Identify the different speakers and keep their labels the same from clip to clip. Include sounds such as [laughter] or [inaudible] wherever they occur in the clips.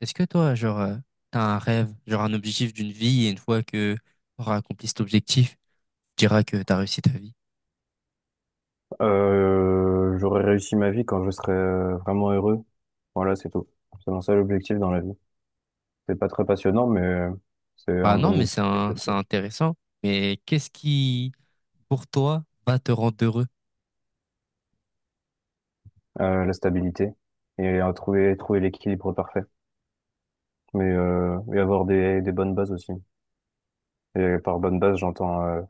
Speaker 1: Est-ce que toi, t'as un rêve, genre un objectif d'une vie, et une fois que t'auras accompli cet objectif, tu diras que t'as réussi ta vie?
Speaker 2: J'aurai réussi ma vie quand je serai vraiment heureux. Voilà, c'est tout. C'est mon seul objectif dans la vie. C'est pas très passionnant, mais c'est un
Speaker 1: Bah non,
Speaker 2: bon
Speaker 1: mais
Speaker 2: objectif, je
Speaker 1: c'est
Speaker 2: trouve.
Speaker 1: intéressant. Mais pour toi, va te rendre heureux?
Speaker 2: La stabilité et à trouver l'équilibre parfait. Mais et avoir des bonnes bases aussi. Et par bonne base,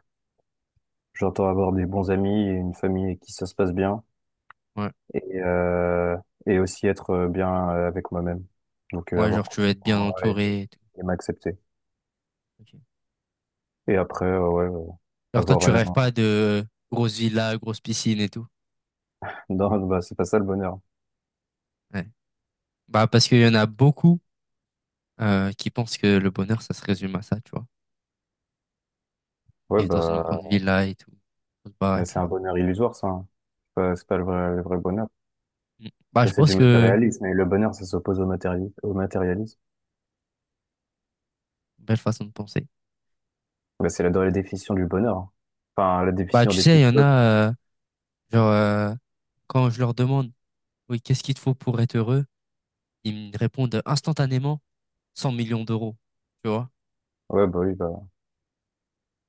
Speaker 2: j'entends avoir des bons amis et une famille avec qui ça se passe bien
Speaker 1: Ouais,
Speaker 2: et euh, et aussi être bien avec moi-même. Donc
Speaker 1: ouais,
Speaker 2: avoir
Speaker 1: genre, tu
Speaker 2: confiance
Speaker 1: veux être
Speaker 2: en
Speaker 1: bien
Speaker 2: moi
Speaker 1: entouré et tout.
Speaker 2: et m'accepter.
Speaker 1: Ok.
Speaker 2: Et après, ouais,
Speaker 1: Genre, toi,
Speaker 2: avoir
Speaker 1: tu
Speaker 2: un,
Speaker 1: rêves pas de grosse villa, grosse piscine et tout.
Speaker 2: Non, bah, c'est pas ça le bonheur.
Speaker 1: Ouais. Bah, parce qu'il y en a beaucoup qui pensent que le bonheur, ça se résume à ça, tu vois.
Speaker 2: Ouais,
Speaker 1: Vivre dans une
Speaker 2: bah,
Speaker 1: grande villa et tout, grosse
Speaker 2: mais
Speaker 1: baraque.
Speaker 2: c'est un bonheur illusoire, ça, hein. C'est pas le vrai bonheur.
Speaker 1: Mm.
Speaker 2: Ça, c'est du matérialisme. Et le bonheur, ça s'oppose au matérialisme.
Speaker 1: Belle façon de penser.
Speaker 2: Bah, dans la définition du bonheur, hein. Enfin, la
Speaker 1: Bah,
Speaker 2: définition
Speaker 1: tu
Speaker 2: des
Speaker 1: sais, il y en
Speaker 2: philosophes.
Speaker 1: a, genre, euh, quand je leur demande, oui, qu'est-ce qu'il te faut pour être heureux? Ils me répondent instantanément 100 millions d'euros, tu vois?
Speaker 2: Ouais, bah oui, bah.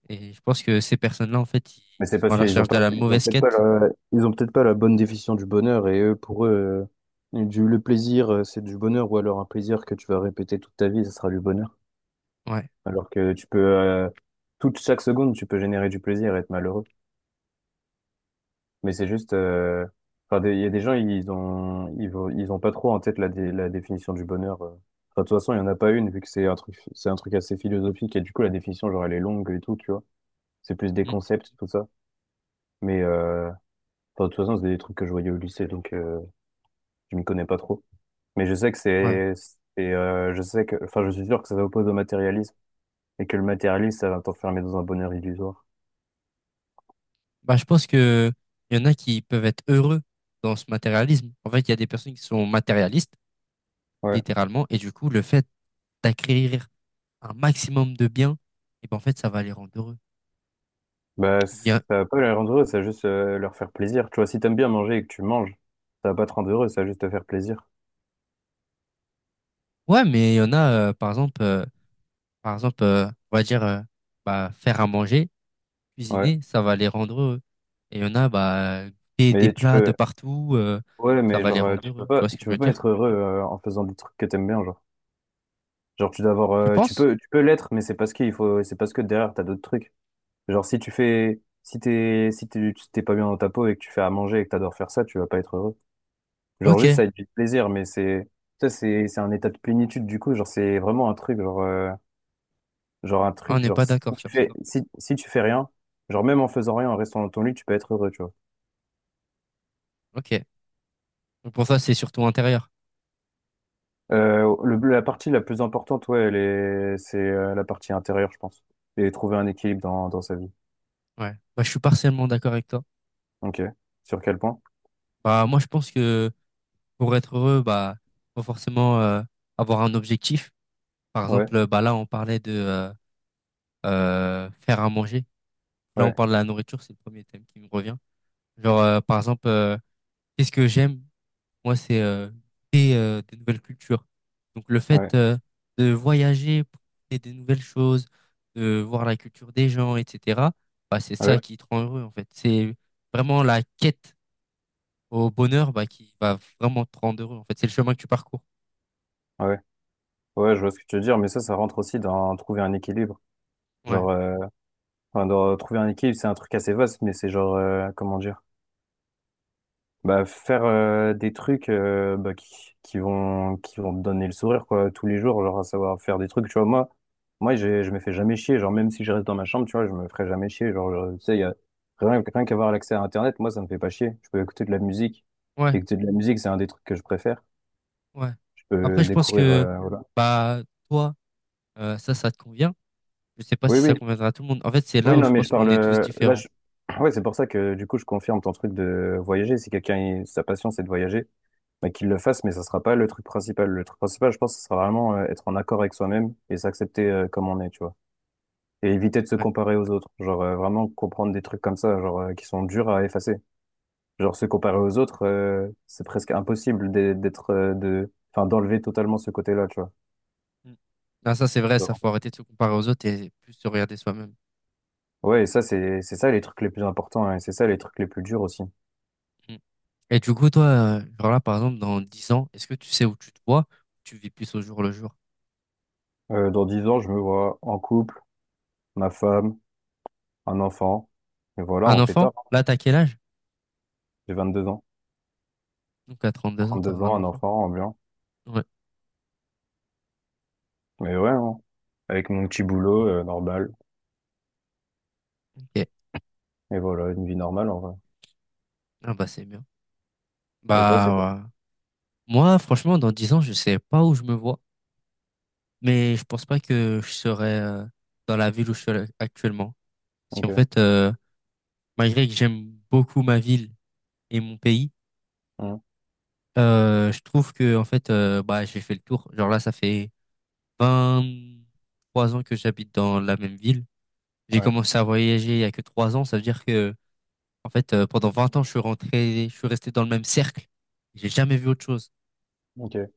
Speaker 1: Et je pense que ces personnes-là, en fait, ils
Speaker 2: Mais c'est
Speaker 1: sont
Speaker 2: parce
Speaker 1: à la
Speaker 2: qu'
Speaker 1: recherche de la mauvaise quête.
Speaker 2: ils ont peut-être pas la bonne définition du bonheur. Pour eux, le plaisir, c'est du bonheur. Ou alors un plaisir que tu vas répéter toute ta vie, ça sera du bonheur.
Speaker 1: Ouais.
Speaker 2: Alors que toute chaque seconde, tu peux générer du plaisir et être malheureux. Mais c'est juste, enfin, il y a des gens, ils ont pas trop en tête la définition du bonheur. Enfin, de toute façon, il y en a pas une, vu que c'est un truc assez philosophique, et du coup, la définition, genre, elle est longue et tout, tu vois. C'est plus des
Speaker 1: Mm.
Speaker 2: concepts, tout ça. Mais, enfin, de toute façon, c'est des trucs que je voyais au lycée, donc, je m'y connais pas trop. Mais
Speaker 1: Ouais.
Speaker 2: je sais que, enfin, je suis sûr que ça s'oppose au matérialisme, et que le matérialisme, ça va t'enfermer dans un bonheur illusoire.
Speaker 1: Bah, je pense que il y en a qui peuvent être heureux dans ce matérialisme. En fait, il y a des personnes qui sont matérialistes,
Speaker 2: Ouais.
Speaker 1: littéralement, et du coup, le fait d'acquérir un maximum de biens, et ben, en fait, ça va les rendre heureux.
Speaker 2: Bah,
Speaker 1: Il
Speaker 2: ça
Speaker 1: y a...
Speaker 2: va pas les rendre heureux, ça va juste leur faire plaisir. Tu vois, si t'aimes bien manger et que tu manges, ça va pas te rendre heureux, ça va juste te faire plaisir.
Speaker 1: Ouais, mais il y en a, par exemple, Par exemple, on va dire bah, faire à manger,
Speaker 2: Ouais.
Speaker 1: cuisiner, ça va les rendre heureux. Et il y en a bah, des
Speaker 2: Mais tu
Speaker 1: plats de
Speaker 2: peux,
Speaker 1: partout,
Speaker 2: ouais,
Speaker 1: ça
Speaker 2: mais
Speaker 1: va les
Speaker 2: genre,
Speaker 1: rendre heureux. Tu vois ce que
Speaker 2: tu
Speaker 1: je
Speaker 2: peux
Speaker 1: veux
Speaker 2: pas
Speaker 1: dire?
Speaker 2: être heureux en faisant des trucs que t'aimes bien, genre. Genre, tu dois avoir,
Speaker 1: Tu penses?
Speaker 2: tu peux l'être, mais c'est parce que derrière, t'as d'autres trucs. Genre, si tu fais, si t'es, si t'es, tu- t'es pas bien dans ta peau et que tu fais à manger et que t'adores faire ça, tu vas pas être heureux. Genre,
Speaker 1: Ok.
Speaker 2: juste, ça va être du plaisir, c'est un état de plénitude, du coup, genre, c'est vraiment un truc, genre,
Speaker 1: Ah, on n'est
Speaker 2: Genre
Speaker 1: pas
Speaker 2: si
Speaker 1: d'accord sur ça.
Speaker 2: si tu fais rien, genre même en faisant rien, en restant dans ton lit, tu peux être heureux, tu vois.
Speaker 1: Ok. Donc pour toi, c'est surtout intérieur.
Speaker 2: La partie la plus importante, ouais, c'est la partie intérieure, je pense. Et trouver un équilibre dans sa vie.
Speaker 1: Ouais. Bah, je suis partiellement d'accord avec toi.
Speaker 2: Ok. Sur quel point?
Speaker 1: Bah, moi, je pense que pour être heureux, bah, faut forcément avoir un objectif. Par
Speaker 2: Ouais,
Speaker 1: exemple, bah, là, on parlait de faire à manger. Là, on
Speaker 2: ouais,
Speaker 1: parle de la nourriture, c'est le premier thème qui me revient. Genre, euh, par exemple, euh, Qu'est-ce que j'aime? Moi, c'est des nouvelles cultures. Donc, le
Speaker 2: ouais,
Speaker 1: fait de voyager, pour créer des nouvelles choses, de voir la culture des gens, etc. Bah, c'est ça
Speaker 2: ouais,
Speaker 1: qui te rend heureux, en fait. C'est vraiment la quête au bonheur bah, qui va vraiment te rendre heureux, en fait. C'est le chemin que tu parcours.
Speaker 2: ouais. Ouais, je vois ce que tu veux dire, mais ça rentre aussi dans trouver un équilibre.
Speaker 1: Ouais,
Speaker 2: Genre, enfin, dans trouver un équilibre, c'est un truc assez vaste, mais c'est genre, comment dire? Bah, faire des trucs qui vont te donner le sourire, quoi, tous les jours. Genre, à savoir faire des trucs, tu vois. Moi, je me fais jamais chier. Genre, même si je reste dans ma chambre, tu vois, je me ferai jamais chier. Genre, tu sais, y a rien qu'avoir l'accès à internet. Moi, ça me fait pas chier, je peux
Speaker 1: ouais,
Speaker 2: Écouter de la musique, c'est un des trucs que je préfère.
Speaker 1: ouais.
Speaker 2: Je peux
Speaker 1: Après, je pense
Speaker 2: découvrir,
Speaker 1: que
Speaker 2: voilà.
Speaker 1: bah, toi, ça, ça te convient. Je sais pas
Speaker 2: Oui,
Speaker 1: si
Speaker 2: oui,
Speaker 1: ça conviendra à tout le monde. En fait, c'est
Speaker 2: oui,
Speaker 1: là où
Speaker 2: non,
Speaker 1: je
Speaker 2: mais je
Speaker 1: pense qu'on
Speaker 2: parle,
Speaker 1: est tous
Speaker 2: là
Speaker 1: différents.
Speaker 2: je... [clears throat] Ouais, c'est pour ça que du coup je confirme ton truc de voyager. Si quelqu'un, sa passion c'est de voyager, bah, qu'il le fasse, mais ça sera pas le truc principal. Le truc principal, je pense, ce sera vraiment être en accord avec soi-même et s'accepter, comme on est, tu vois. Et éviter de se
Speaker 1: Ouais.
Speaker 2: comparer aux autres. Genre, vraiment comprendre des trucs comme ça, genre, qui sont durs à effacer. Genre, se comparer aux autres, c'est presque impossible enfin, d'enlever totalement ce côté-là, tu vois.
Speaker 1: Mm. Ah, ça, c'est vrai, ça
Speaker 2: Genre,
Speaker 1: faut arrêter de se comparer aux autres et plus se regarder soi-même.
Speaker 2: Ouais, et ça, c'est ça les trucs les plus importants, hein, et c'est ça les trucs les plus durs aussi.
Speaker 1: Mm. Et du coup, toi, là, par exemple, dans 10 ans, est-ce que tu sais où tu te vois? Tu vis plus au jour le jour.
Speaker 2: Dans 10 ans, je me vois en couple, ma femme, un enfant. Et voilà,
Speaker 1: Un
Speaker 2: en pétard.
Speaker 1: enfant? Là, t'as quel âge?
Speaker 2: J'ai 22 ans.
Speaker 1: Donc, à 32 ans,
Speaker 2: trente deux
Speaker 1: t'auras un
Speaker 2: ans, un
Speaker 1: enfant.
Speaker 2: enfant, ambiant.
Speaker 1: Ouais.
Speaker 2: Mais ouais, hein. Avec mon petit boulot, normal.
Speaker 1: Ok.
Speaker 2: Et voilà, une vie normale en vrai.
Speaker 1: Ah, bah, c'est bien.
Speaker 2: Et toi, c'est quoi?
Speaker 1: Bah, ouais. Moi, franchement, dans 10 ans, je sais pas où je me vois, mais je pense pas que je serai dans la ville où je suis actuellement. Parce qu'en
Speaker 2: Ok.
Speaker 1: fait, malgré que j'aime beaucoup ma ville et mon pays.
Speaker 2: Hmm.
Speaker 1: Je trouve que en fait, bah j'ai fait le tour. Genre là ça fait vingt trois ans que j'habite dans la même ville. J'ai
Speaker 2: Ouais.
Speaker 1: commencé à voyager il y a que 3 ans, ça veut dire que en fait, pendant 20 ans je suis rentré, je suis resté dans le même cercle. J'ai jamais vu autre chose.
Speaker 2: Ok.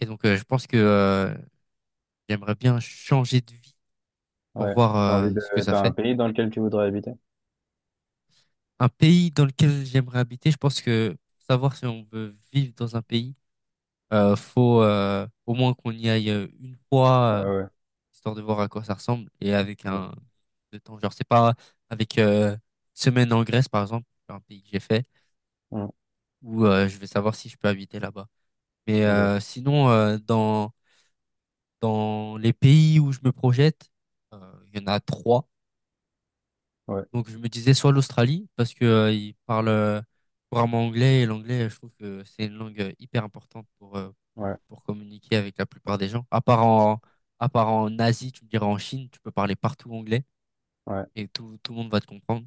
Speaker 1: Et donc je pense que j'aimerais bien changer de vie pour
Speaker 2: Ouais.
Speaker 1: voir
Speaker 2: T'as envie de...
Speaker 1: ce que ça
Speaker 2: T'as un
Speaker 1: fait.
Speaker 2: pays dans lequel tu voudrais habiter?
Speaker 1: Un pays dans lequel j'aimerais habiter, je pense que pour savoir si on veut vivre dans un pays, faut au moins qu'on y aille une
Speaker 2: Ouais,
Speaker 1: fois
Speaker 2: ouais.
Speaker 1: histoire de voir à quoi ça ressemble et avec
Speaker 2: Ouais.
Speaker 1: un de temps genre c'est pas avec semaine en Grèce par exemple un pays que j'ai fait
Speaker 2: Hmm.
Speaker 1: où je vais savoir si je peux habiter là-bas mais
Speaker 2: Ok.
Speaker 1: sinon, dans les pays où je me projette euh, il y en a trois
Speaker 2: Ouais.
Speaker 1: donc je me disais soit l'Australie parce que ils parlent couramment anglais et l'anglais je trouve que c'est une langue hyper importante
Speaker 2: Ouais.
Speaker 1: pour communiquer avec la plupart des gens à part en Asie tu me diras en Chine tu peux parler partout anglais
Speaker 2: Ouais.
Speaker 1: et tout le monde va te comprendre.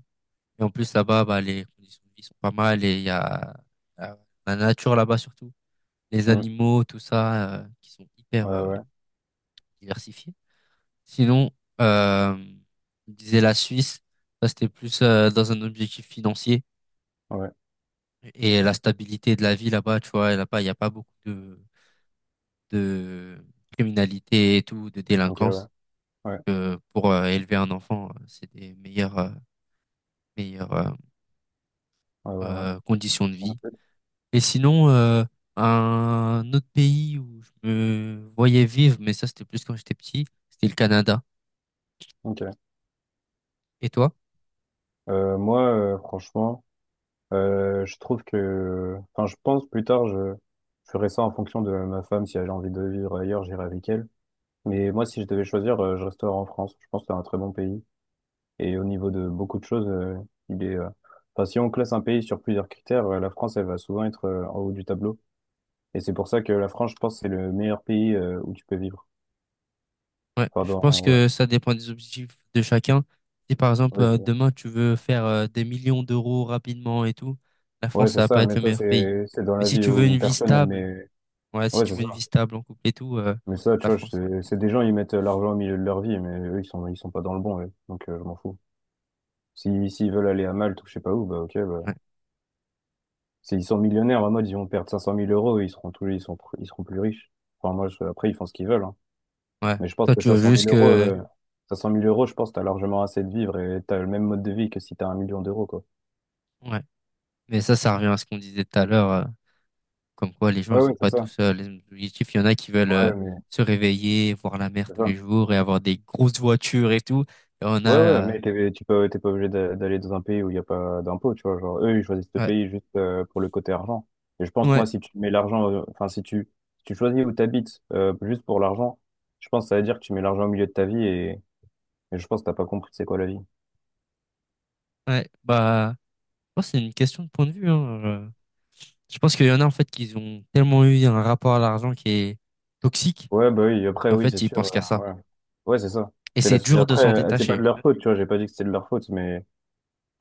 Speaker 1: Et en plus, là-bas, bah, les conditions de vie sont pas mal et il y a la, la nature là-bas surtout, les
Speaker 2: Hmm.
Speaker 1: animaux, tout ça, qui sont hyper
Speaker 2: Ouais, ouais.
Speaker 1: diversifiés. Sinon, euh, je disais la Suisse, ça c'était plus dans un objectif financier
Speaker 2: Ouais.
Speaker 1: et la stabilité de la vie là-bas, tu vois, là-bas, il n'y a pas beaucoup de criminalité et tout, de
Speaker 2: Ok, ouais.
Speaker 1: délinquance.
Speaker 2: Ouais.
Speaker 1: Que pour élever un enfant, c'est des meilleures, meilleures euh,
Speaker 2: Ouais, ouais, ouais.
Speaker 1: conditions de
Speaker 2: En
Speaker 1: vie.
Speaker 2: fait.
Speaker 1: Et sinon, un autre pays où je me voyais vivre, mais ça c'était plus quand j'étais petit, c'était le Canada.
Speaker 2: Ok.
Speaker 1: Et toi?
Speaker 2: Moi, franchement, Enfin, je pense plus tard, je ferai ça en fonction de ma femme. Si elle a envie de vivre ailleurs, j'irai avec elle. Mais moi, si je devais choisir, je resterai en France. Je pense que c'est un très bon pays. Et au niveau de beaucoup de choses, il est. Enfin, si on classe un pays sur plusieurs critères, la France, elle va souvent être en haut du tableau. Et c'est pour ça que la France, je pense, c'est le meilleur pays où tu peux vivre.
Speaker 1: Ouais, je
Speaker 2: Pardon,
Speaker 1: pense
Speaker 2: ouais.
Speaker 1: que ça dépend des objectifs de chacun. Si par exemple
Speaker 2: Oui, c'est
Speaker 1: demain tu veux faire des millions d'euros rapidement et tout, la
Speaker 2: ouais,
Speaker 1: France
Speaker 2: c'est
Speaker 1: ça va
Speaker 2: ça,
Speaker 1: pas être
Speaker 2: mais
Speaker 1: le
Speaker 2: ça,
Speaker 1: meilleur pays.
Speaker 2: c'est dans
Speaker 1: Mais
Speaker 2: la
Speaker 1: si
Speaker 2: vie
Speaker 1: tu
Speaker 2: où
Speaker 1: veux une
Speaker 2: une
Speaker 1: vie
Speaker 2: personne, elle
Speaker 1: stable,
Speaker 2: met.
Speaker 1: ouais, si
Speaker 2: Ouais,
Speaker 1: tu
Speaker 2: c'est
Speaker 1: veux
Speaker 2: ça.
Speaker 1: une vie stable en couple et tout,
Speaker 2: Mais ça, tu
Speaker 1: la
Speaker 2: vois,
Speaker 1: France c'est un bon pays.
Speaker 2: c'est des gens, ils mettent l'argent au milieu de leur vie, mais eux, ils sont pas dans le bon, ouais. Donc, je m'en fous. Si, S'ils veulent aller à Malte ou je sais pas où, bah, ok, bah.
Speaker 1: Ouais,
Speaker 2: S'ils sont millionnaires, en mode, ils vont perdre cinq cent mille euros, ils seront tous, ils sont, ils seront plus riches. Enfin, moi, après, ils font ce qu'ils veulent, hein.
Speaker 1: ouais.
Speaker 2: Mais je pense
Speaker 1: Toi
Speaker 2: que
Speaker 1: tu veux juste que,
Speaker 2: cinq cent mille euros, je pense que tu largement assez de vivre et t'as le même mode de vie que si t'as 1 million d'euros, quoi.
Speaker 1: ouais. Mais ça revient à ce qu'on disait tout à l'heure. Comme quoi, les gens,
Speaker 2: Ouais,
Speaker 1: ils sont
Speaker 2: ouais, c'est
Speaker 1: pas
Speaker 2: ça.
Speaker 1: tous les mêmes objectifs. Il y en a qui veulent
Speaker 2: Ouais, mais
Speaker 1: se réveiller, voir la mer
Speaker 2: c'est
Speaker 1: tous
Speaker 2: ça.
Speaker 1: les jours et avoir des grosses voitures et tout. Et on
Speaker 2: Ouais, ouais,
Speaker 1: a,
Speaker 2: mais t'es pas obligé d'aller dans un pays où il n'y a pas d'impôts, tu vois. Genre, eux, ils choisissent ce
Speaker 1: ouais,
Speaker 2: pays juste pour le côté argent. Et je pense, moi,
Speaker 1: ouais,
Speaker 2: si tu mets l'argent, enfin, si tu choisis où t'habites habites juste pour l'argent, je pense que ça veut dire que tu mets l'argent au milieu de ta vie et je pense que t'as pas compris c'est quoi la vie.
Speaker 1: ouais. Bah, je pense que c'est une question de point de vue, hein. Je pense qu'il y en a en fait qui ont tellement eu un rapport à l'argent qui est toxique
Speaker 2: Ouais, bah oui, après,
Speaker 1: qu'en
Speaker 2: oui, c'est
Speaker 1: fait ils
Speaker 2: sûr,
Speaker 1: pensent qu'à ça.
Speaker 2: ouais, ouais, c'est ça.
Speaker 1: Et
Speaker 2: C'est la
Speaker 1: c'est
Speaker 2: société.
Speaker 1: dur de
Speaker 2: Après,
Speaker 1: s'en
Speaker 2: c'est pas de
Speaker 1: détacher.
Speaker 2: leur faute, tu vois. J'ai pas dit que c'était de leur faute, mais.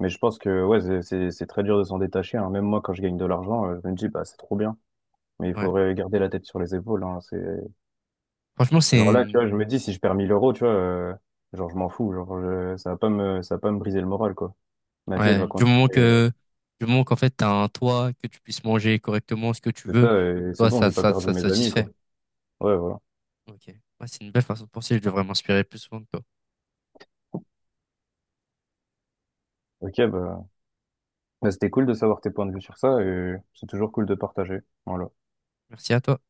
Speaker 2: Mais je pense que ouais, c'est très dur de s'en détacher, hein. Même moi, quand je gagne de l'argent, je me dis, bah, c'est trop bien. Mais il
Speaker 1: Ouais.
Speaker 2: faudrait garder la tête sur les épaules, hein. C'est...
Speaker 1: Franchement, c'est
Speaker 2: Genre là, tu vois, je
Speaker 1: une-
Speaker 2: me dis, si je perds 1000 euros, tu vois, genre, je m'en fous. Genre, ça va pas me briser le moral, quoi. Ma vie, elle
Speaker 1: ouais,
Speaker 2: va
Speaker 1: du moment
Speaker 2: continuer.
Speaker 1: que du moment qu'en fait t'as un toit, que tu puisses manger correctement ce que tu
Speaker 2: C'est
Speaker 1: veux,
Speaker 2: ça, et c'est
Speaker 1: toi
Speaker 2: bon,
Speaker 1: ça
Speaker 2: j'ai pas
Speaker 1: ça
Speaker 2: perdu
Speaker 1: ça te
Speaker 2: mes amis, quoi.
Speaker 1: satisfait.
Speaker 2: Ouais, voilà.
Speaker 1: Ok. Ouais, c'est une belle façon de penser. Je devrais m'inspirer plus souvent de toi.
Speaker 2: Ok, bah, c'était cool de savoir tes points de vue sur ça, et c'est toujours cool de partager. Voilà.
Speaker 1: Merci à toi.